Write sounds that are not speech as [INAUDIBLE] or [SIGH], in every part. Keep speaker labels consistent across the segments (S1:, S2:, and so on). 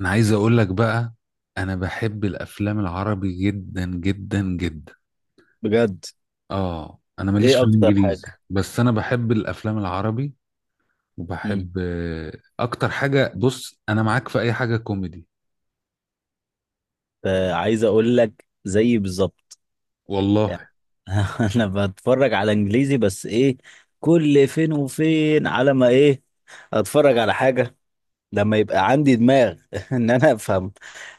S1: انا عايز اقول لك بقى، انا بحب الافلام العربي جدا جدا جدا.
S2: بجد.
S1: اه، انا ماليش
S2: ايه
S1: في
S2: اكتر حاجه؟
S1: الانجليزي بس انا بحب الافلام العربي.
S2: امم.
S1: وبحب اكتر حاجة، بص، انا معاك في اي حاجة كوميدي.
S2: عايز اقول لك زي بالظبط يعني.
S1: والله.
S2: [LAUGHS] انا بتفرج على انجليزي، بس ايه، كل فين وفين على ما ايه اتفرج على حاجه لما يبقى عندي دماغ [LAUGHS] ان انا افهم.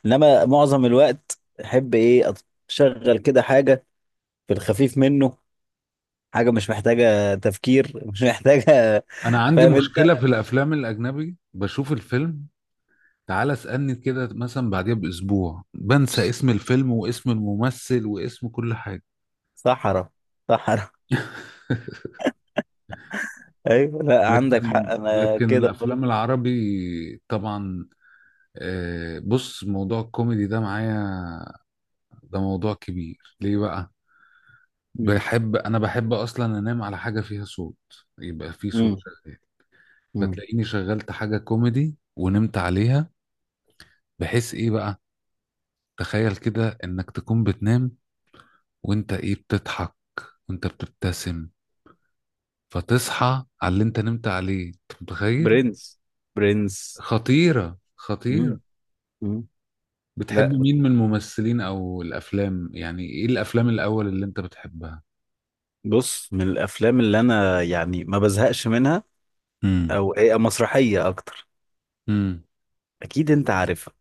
S2: انما معظم الوقت، احب ايه، اشغل كده حاجه في الخفيف منه، حاجه مش محتاجه تفكير، مش محتاجه.
S1: انا
S2: [LAUGHS]
S1: عندي
S2: فاهم انت؟
S1: مشكلة في الافلام الاجنبي، بشوف الفيلم، تعال اسألني كده مثلا بعديها باسبوع بنسى اسم الفيلم واسم الممثل واسم كل حاجة.
S2: صحراء. صحراء. [LAUGHS]
S1: [LAUGHS]
S2: ايوه، لا عندك حق،
S1: لكن
S2: انا
S1: لكن
S2: كده برضه.
S1: الافلام العربي، طبعا. بص، موضوع الكوميدي ده معايا، ده موضوع كبير ليه بقى. بحب اصلا انام على حاجه فيها صوت، يبقى في صوت
S2: امم.
S1: شغال، فتلاقيني شغلت حاجه كوميدي ونمت عليها. بحيث ايه بقى؟ تخيل كده انك تكون بتنام وانت ايه بتضحك وانت بتبتسم، فتصحى على اللي انت نمت عليه، انت متخيل؟
S2: برنس. برنس.
S1: خطيره، خطيره.
S2: مم. مم.
S1: بتحب
S2: لا،
S1: مين من الممثلين او الافلام؟ يعني ايه الافلام الاول اللي انت بتحبها؟
S2: بص، من الافلام اللي انا يعني ما بزهقش منها،
S1: امم
S2: او هي مسرحيه اكتر.
S1: امم
S2: اكيد انت عارفها.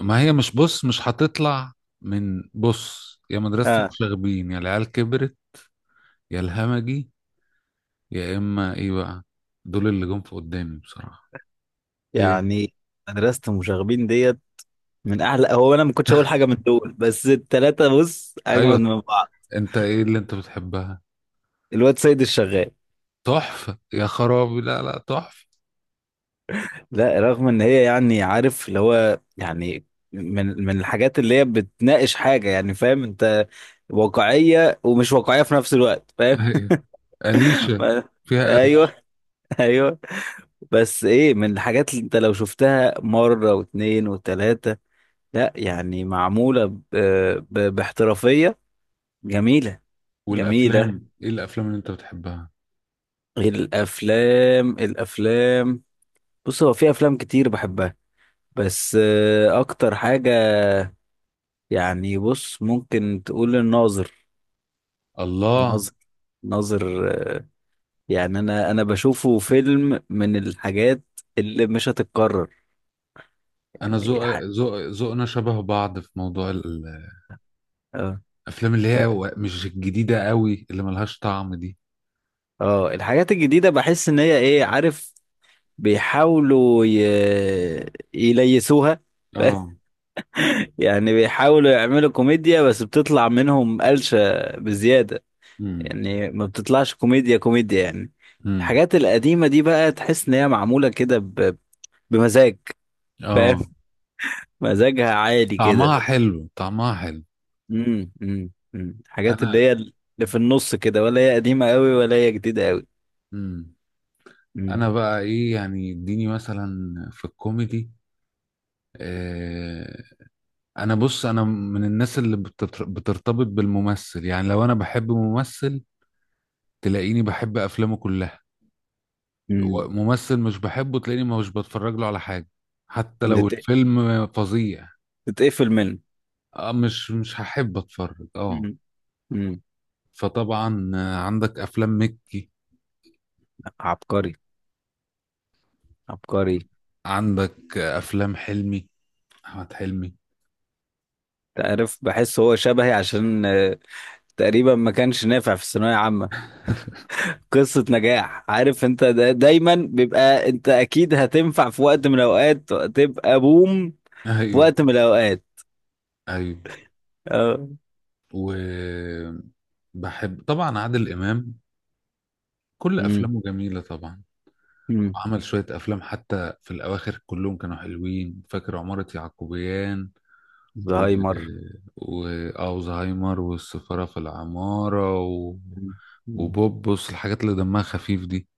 S1: ما هي مش، بص، مش هتطلع. من، بص، يا مدرسة
S2: اه.
S1: المشاغبين، يا العيال كبرت، يا الهمجي، يا اما ايه بقى، دول اللي جم في قدامي بصراحة. ايه.
S2: يعني مدرسه المشاغبين ديت من اعلى. هو انا ما كنتش اقول حاجه من دول، بس التلاته بص اجمل
S1: ايوه.
S2: من بعض.
S1: انت ايه اللي انت بتحبها؟
S2: الواد سيد الشغال.
S1: تحفة يا خرابي، لا لا، تحفة.
S2: لا، رغم ان هي يعني عارف اللي هو يعني من الحاجات اللي هي بتناقش حاجه، يعني فاهم انت؟ واقعيه ومش واقعيه في نفس الوقت، فاهم.
S1: [LAUGHS] ايوه. أليشة
S2: [LAUGHS]
S1: فيها ألف.
S2: ايوه. [LAUGHS] ايوه. بس ايه، من الحاجات اللي انت لو شفتها مره واتنين وتلاته، لا يعني معموله باحترافيه. جميله. جميله.
S1: والافلام، ايه الافلام اللي انت بتحبها؟
S2: غير الافلام. بص هو في افلام كتير بحبها، بس اكتر حاجه يعني، بص ممكن تقول الناظر.
S1: الله.
S2: الناظر. الناظر. آه، يعني انا بشوفه فيلم من الحاجات اللي مش هتتكرر.
S1: انا
S2: يعني
S1: ذوقنا شبه بعض في موضوع
S2: اه.
S1: الافلام اللي هي مش الجديدة قوي اللي ملهاش طعم دي.
S2: اه. الحاجات الجديدة، بحس ان هي ايه، عارف، بيحاولوا يليسوها.
S1: اه.
S2: [LAUGHS] يعني بيحاولوا يعملوا كوميديا، بس بتطلع منهم قلشة بزيادة،
S1: امم
S2: يعني ما بتطلعش كوميديا كوميديا يعني.
S1: امم
S2: الحاجات القديمة دي بقى تحس ان هي معمولة كده بمزاج. فاهم.
S1: اه،
S2: [LAUGHS] مزاجها عالي كده.
S1: طعمها حلو طعمها حلو.
S2: امم. امم. أمم. الحاجات اللي
S1: انا
S2: هي في النص كده، ولا هي قديمة قوي ولا هي جديدة قوي.
S1: امم انا
S2: امم.
S1: بقى ايه يعني؟ اديني مثلا في الكوميدي. آه انا، بص، انا من الناس اللي بترتبط بالممثل. يعني لو انا بحب ممثل تلاقيني بحب افلامه كلها.
S2: امم.
S1: ممثل مش بحبه تلاقيني مش بتفرج له على حاجة حتى لو
S2: بتت...
S1: الفيلم فظيع.
S2: بتتقفل منه.
S1: آه، مش هحب اتفرج، اه.
S2: امم.
S1: فطبعا عندك افلام مكي،
S2: عبقري. عبقري.
S1: عندك افلام حلمي، احمد حلمي.
S2: تعرف، بحس هو شبهي، عشان تقريبا ما كانش نافع في الثانوية عامة.
S1: [LAUGHS]
S2: قصة نجاح، عارف انت، دا دايما بيبقى انت اكيد هتنفع في وقت من الاوقات، تبقى بوم في
S1: ايوه،
S2: وقت من الاوقات.
S1: ايوه.
S2: اه.
S1: وبحب طبعا عادل امام، كل
S2: امم.
S1: افلامه جميله طبعا.
S2: امم.
S1: عمل شويه افلام حتى في الاواخر كلهم كانوا حلوين، فاكر عماره يعقوبيان و...
S2: زهايمر.
S1: واوزهايمر والسفاره في العماره
S2: مم. مم.
S1: وبوبوس، الحاجات اللي دمها خفيف دي.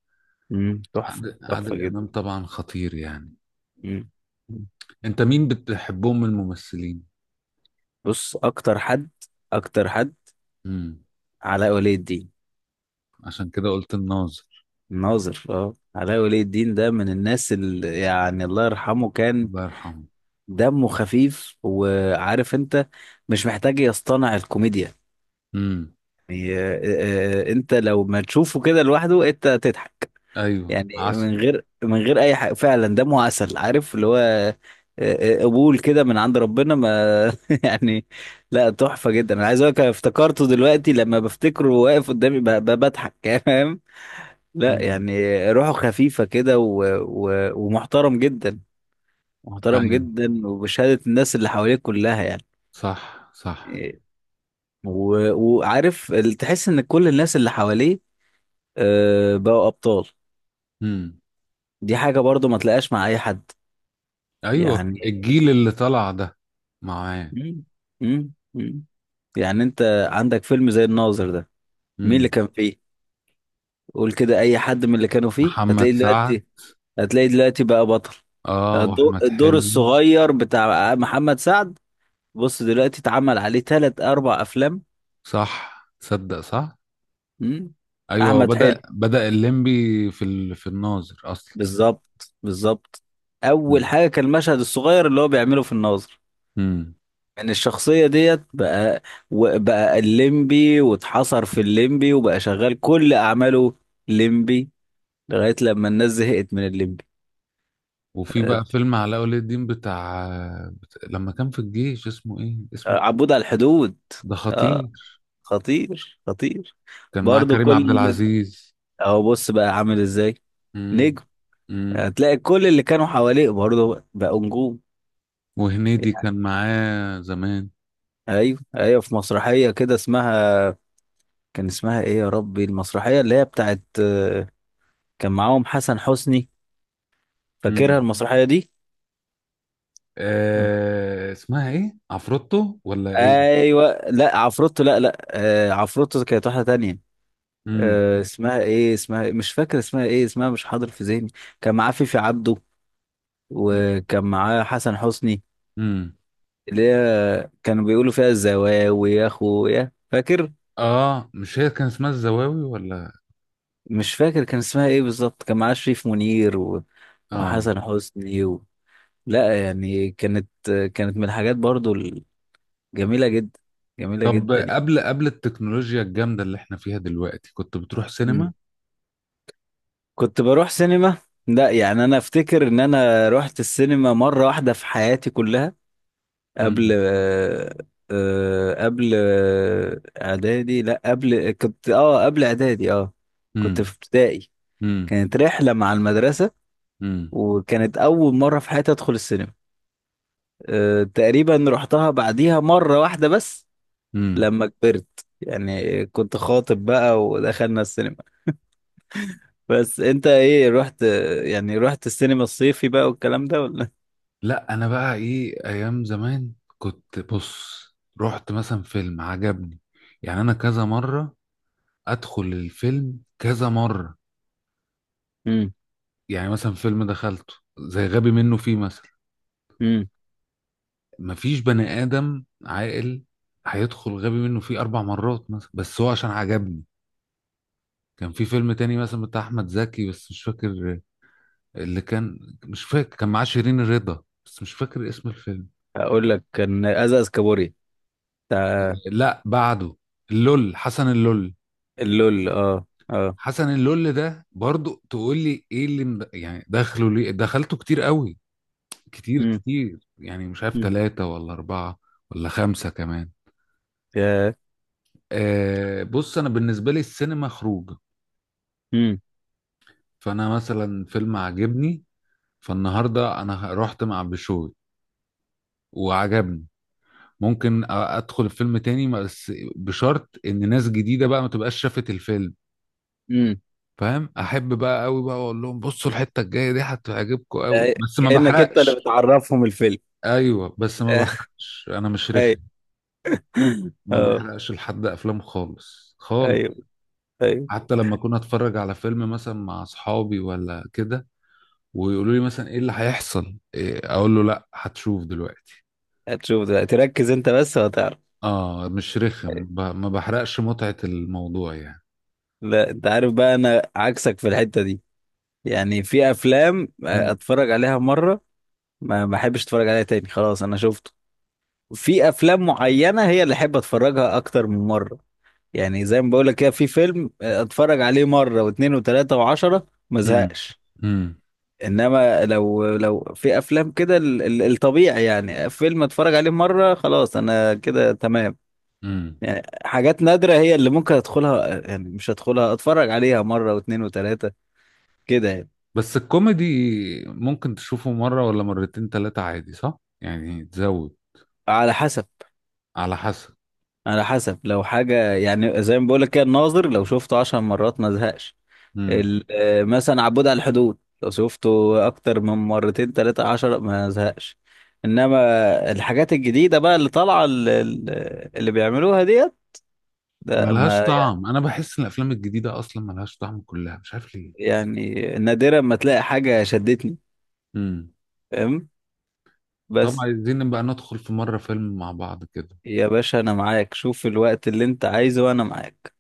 S2: مم. تحفة تحفة
S1: عادل
S2: جدا.
S1: امام طبعا خطير يعني.
S2: مم. مم.
S1: انت مين بتحبهم من الممثلين؟
S2: بص اكتر حد، اكتر حد،
S1: امم
S2: علاء ولي الدين.
S1: عشان كده قلت الناظر.
S2: ناظر. اه، علاء ولي الدين ده من الناس اللي، يعني الله يرحمه، كان
S1: الله يرحمه.
S2: دمه خفيف، وعارف انت، مش محتاج يصطنع الكوميديا.
S1: مم.
S2: يعني انت لو ما تشوفه كده لوحده انت تضحك.
S1: ايوه،
S2: يعني من
S1: عسل.
S2: غير من غير اي حاجه، فعلا دمه عسل، عارف اللي هو قبول كده من عند ربنا ما. [LAUGHS] يعني، لا تحفه جدا، انا عايز اقول لك أنا افتكرته دلوقتي لما بفتكره واقف قدامي بضحك. [LAUGHS] فاهم؟ لا
S1: امم
S2: يعني روحه خفيفه كده ومحترم جدا، محترم
S1: ايوه،
S2: جدا، وبشهاده الناس اللي حواليه كلها يعني،
S1: صح صح.
S2: وعارف تحس ان كل الناس اللي حواليه بقوا ابطال.
S1: امم
S2: دي حاجه برضو ما تلاقاش مع اي حد،
S1: ايوه،
S2: يعني.
S1: الجيل اللي طلع ده معاه.
S2: مم. مم. مم. يعني انت عندك فيلم زي الناظر ده، مين اللي
S1: امم
S2: كان فيه؟ قول كده اي حد من اللي كانوا فيه
S1: محمد
S2: هتلاقي
S1: سعد.
S2: دلوقتي، هتلاقي دلوقتي بقى بطل.
S1: اه، واحمد
S2: الدور
S1: حلمي.
S2: الصغير بتاع محمد سعد بص دلوقتي اتعمل عليه ثلاث اربع افلام.
S1: صح، تصدق، صح.
S2: مم.
S1: ايوه، هو
S2: احمد
S1: بدأ
S2: حلمي،
S1: بدأ الليمبي في الناظر اصلا.
S2: بالظبط بالظبط، اول
S1: امم
S2: حاجه كان المشهد الصغير اللي هو بيعمله في الناظر،
S1: امم
S2: يعني الشخصيه ديت بقى، بقى الليمبي واتحصر في الليمبي، وبقى شغال كل اعماله ليمبي لغايه لما الناس زهقت من الليمبي.
S1: وفي
S2: آه،
S1: بقى فيلم علاء ولي الدين بتاع لما كان في الجيش، اسمه ايه، اسمه؟
S2: عبود على الحدود.
S1: ده خطير.
S2: اه، خطير خطير.
S1: كان معاه
S2: برضو
S1: كريم عبد
S2: كل
S1: العزيز.
S2: اهو بص بقى عامل ازاي،
S1: امم
S2: نجم،
S1: إمم.
S2: هتلاقي كل اللي كانوا حواليه برضو بقوا نجوم،
S1: وهنيدي كان
S2: يعني.
S1: معاه زمان.
S2: ايوه ايوه في مسرحيه كده اسمها، كان اسمها ايه يا ربي، المسرحية اللي هي بتاعت كان معاهم حسن حسني، فاكرها
S1: امم
S2: المسرحية دي؟
S1: آه، اسمها ايه، عفروتو ولا ايه؟
S2: ايوه، لا عفروتو، لا لا، عفروتو كانت واحدة تانية.
S1: امم
S2: اسمها ايه، اسمها إيه؟ مش فاكر اسمها ايه، اسمها مش حاضر في ذهني. كان معاه فيفي عبده، وكان معاه حسن حسني،
S1: امم
S2: اللي هي كانوا بيقولوا فيها الزواوي يا اخويا، فاكر.
S1: اه، مش هي كان اسمها الزواوي ولا؟
S2: مش فاكر كان اسمها ايه بالظبط، كان معاه شريف منير و...
S1: اه.
S2: وحسن حسني و... لا يعني، كانت من الحاجات برضو جميلة جدا، جميلة جدا
S1: طب،
S2: يعني.
S1: قبل التكنولوجيا الجامدة اللي احنا فيها دلوقتي كنت بتروح
S2: مم.
S1: سينما؟
S2: كنت بروح سينما. لا يعني انا افتكر ان انا رحت السينما مرة واحدة في حياتي كلها، قبل
S1: امم
S2: اعدادي، لا قبل، كنت قبل اعدادي. اه.
S1: امم
S2: كنت في ابتدائي،
S1: امم
S2: كانت رحلة مع المدرسة،
S1: امم
S2: وكانت اول مرة في حياتي ادخل السينما. تقريبا رحتها بعديها مرة واحدة بس،
S1: امم
S2: لما كبرت يعني، كنت خاطب بقى ودخلنا السينما. بس انت ايه رحت، يعني رحت السينما الصيفي بقى والكلام ده ولا؟
S1: لا، انا بقى ايه، ايام زمان كنت، بص، رحت مثلا فيلم عجبني، يعني انا كذا مرة ادخل الفيلم كذا مرة.
S2: امم.
S1: يعني مثلا فيلم دخلته زي غبي منه فيه مثلا،
S2: امم.
S1: مفيش بني آدم عاقل هيدخل غبي منه فيه 4 مرات مثلا بس هو عشان عجبني. كان في فيلم تاني مثلا بتاع أحمد زكي بس مش فاكر اللي كان، مش فاكر كان معاه شيرين الرضا بس مش فاكر اسم الفيلم.
S2: اقول لك كان ازاز كابوري بتاع،
S1: لا، بعده. اللول، حسن اللول.
S2: اللول. اه. اه.
S1: حسن اللول ده برضو تقول لي ايه اللي يعني دخله ليه؟ دخلته كتير قوي، كتير
S2: امم.
S1: كتير، يعني مش عارف
S2: امم.
S1: ثلاثة ولا أربعة ولا خمسة كمان.
S2: يا.
S1: بص، انا بالنسبه لي السينما خروج.
S2: امم.
S1: فانا مثلا فيلم عجبني، فالنهارده انا رحت مع بشوي وعجبني، ممكن ادخل الفيلم تاني بس بشرط ان ناس جديده بقى ما تبقاش شافت الفيلم.
S2: امم.
S1: فاهم؟ احب بقى قوي بقى اقول لهم، بصوا الحته الجايه دي هتعجبكم قوي، بس ما
S2: كأنك انت اللي
S1: بحرقش.
S2: بتعرفهم الفيلم.
S1: ايوه، بس ما
S2: [LAUGHS]
S1: بحرقش، انا مش رخم.
S2: ايوه.
S1: ما
S2: اه.
S1: بحرقش لحد افلام خالص
S2: ايوه.
S1: خالص.
S2: ايوه.
S1: حتى لما كنا اتفرج على فيلم مثلا مع اصحابي ولا كده ويقولوا لي مثلا ايه اللي هيحصل إيه، اقول له لا، هتشوف دلوقتي.
S2: هتشوف ده، تركز انت بس وهتعرف.
S1: اه، مش رخم، ما بحرقش متعة الموضوع يعني.
S2: لا انت عارف بقى، انا عكسك في الحتة دي، يعني في افلام
S1: مم.
S2: اتفرج عليها مرة، ما احبش اتفرج عليها تاني خلاص انا شفت. في افلام معينه هي اللي احب اتفرجها اكتر من مره، يعني زي ما بقول لك كده في فيلم اتفرج عليه مره واثنين وثلاثه وعشرة ما
S1: مم.
S2: زهقش.
S1: مم.
S2: انما لو في افلام كده، الطبيعي يعني فيلم اتفرج عليه مره خلاص انا كده تمام.
S1: مم.
S2: يعني حاجات نادره هي اللي ممكن ادخلها، يعني مش ادخلها اتفرج عليها مره واثنين وثلاثه كده يعني.
S1: بس الكوميدي ممكن تشوفه مرة ولا مرتين تلاتة عادي، صح؟ يعني تزود.
S2: على حسب،
S1: على حسب.
S2: على حسب لو حاجه، يعني زي ما بقول لك كده الناظر لو شفته 10 مرات ما زهقش.
S1: مم.
S2: مثلا عبود على الحدود لو شفته اكتر من مرتين تلاتة عشر ما زهقش. انما الحاجات الجديدة بقى اللي طالعة، اللي بيعملوها ديت ده
S1: ملهاش
S2: ما،
S1: طعم، انا بحس ان الافلام الجديدة اصلا ملهاش طعم كلها، مش عارف ليه.
S2: يعني نادرا ما تلاقي حاجة شدتني،
S1: مم.
S2: فاهم.
S1: طب
S2: بس
S1: عايزين نبقى ندخل في مرة فيلم مع بعض كده؟
S2: يا باشا انا معاك، شوف الوقت اللي انت عايزه وانا معاك.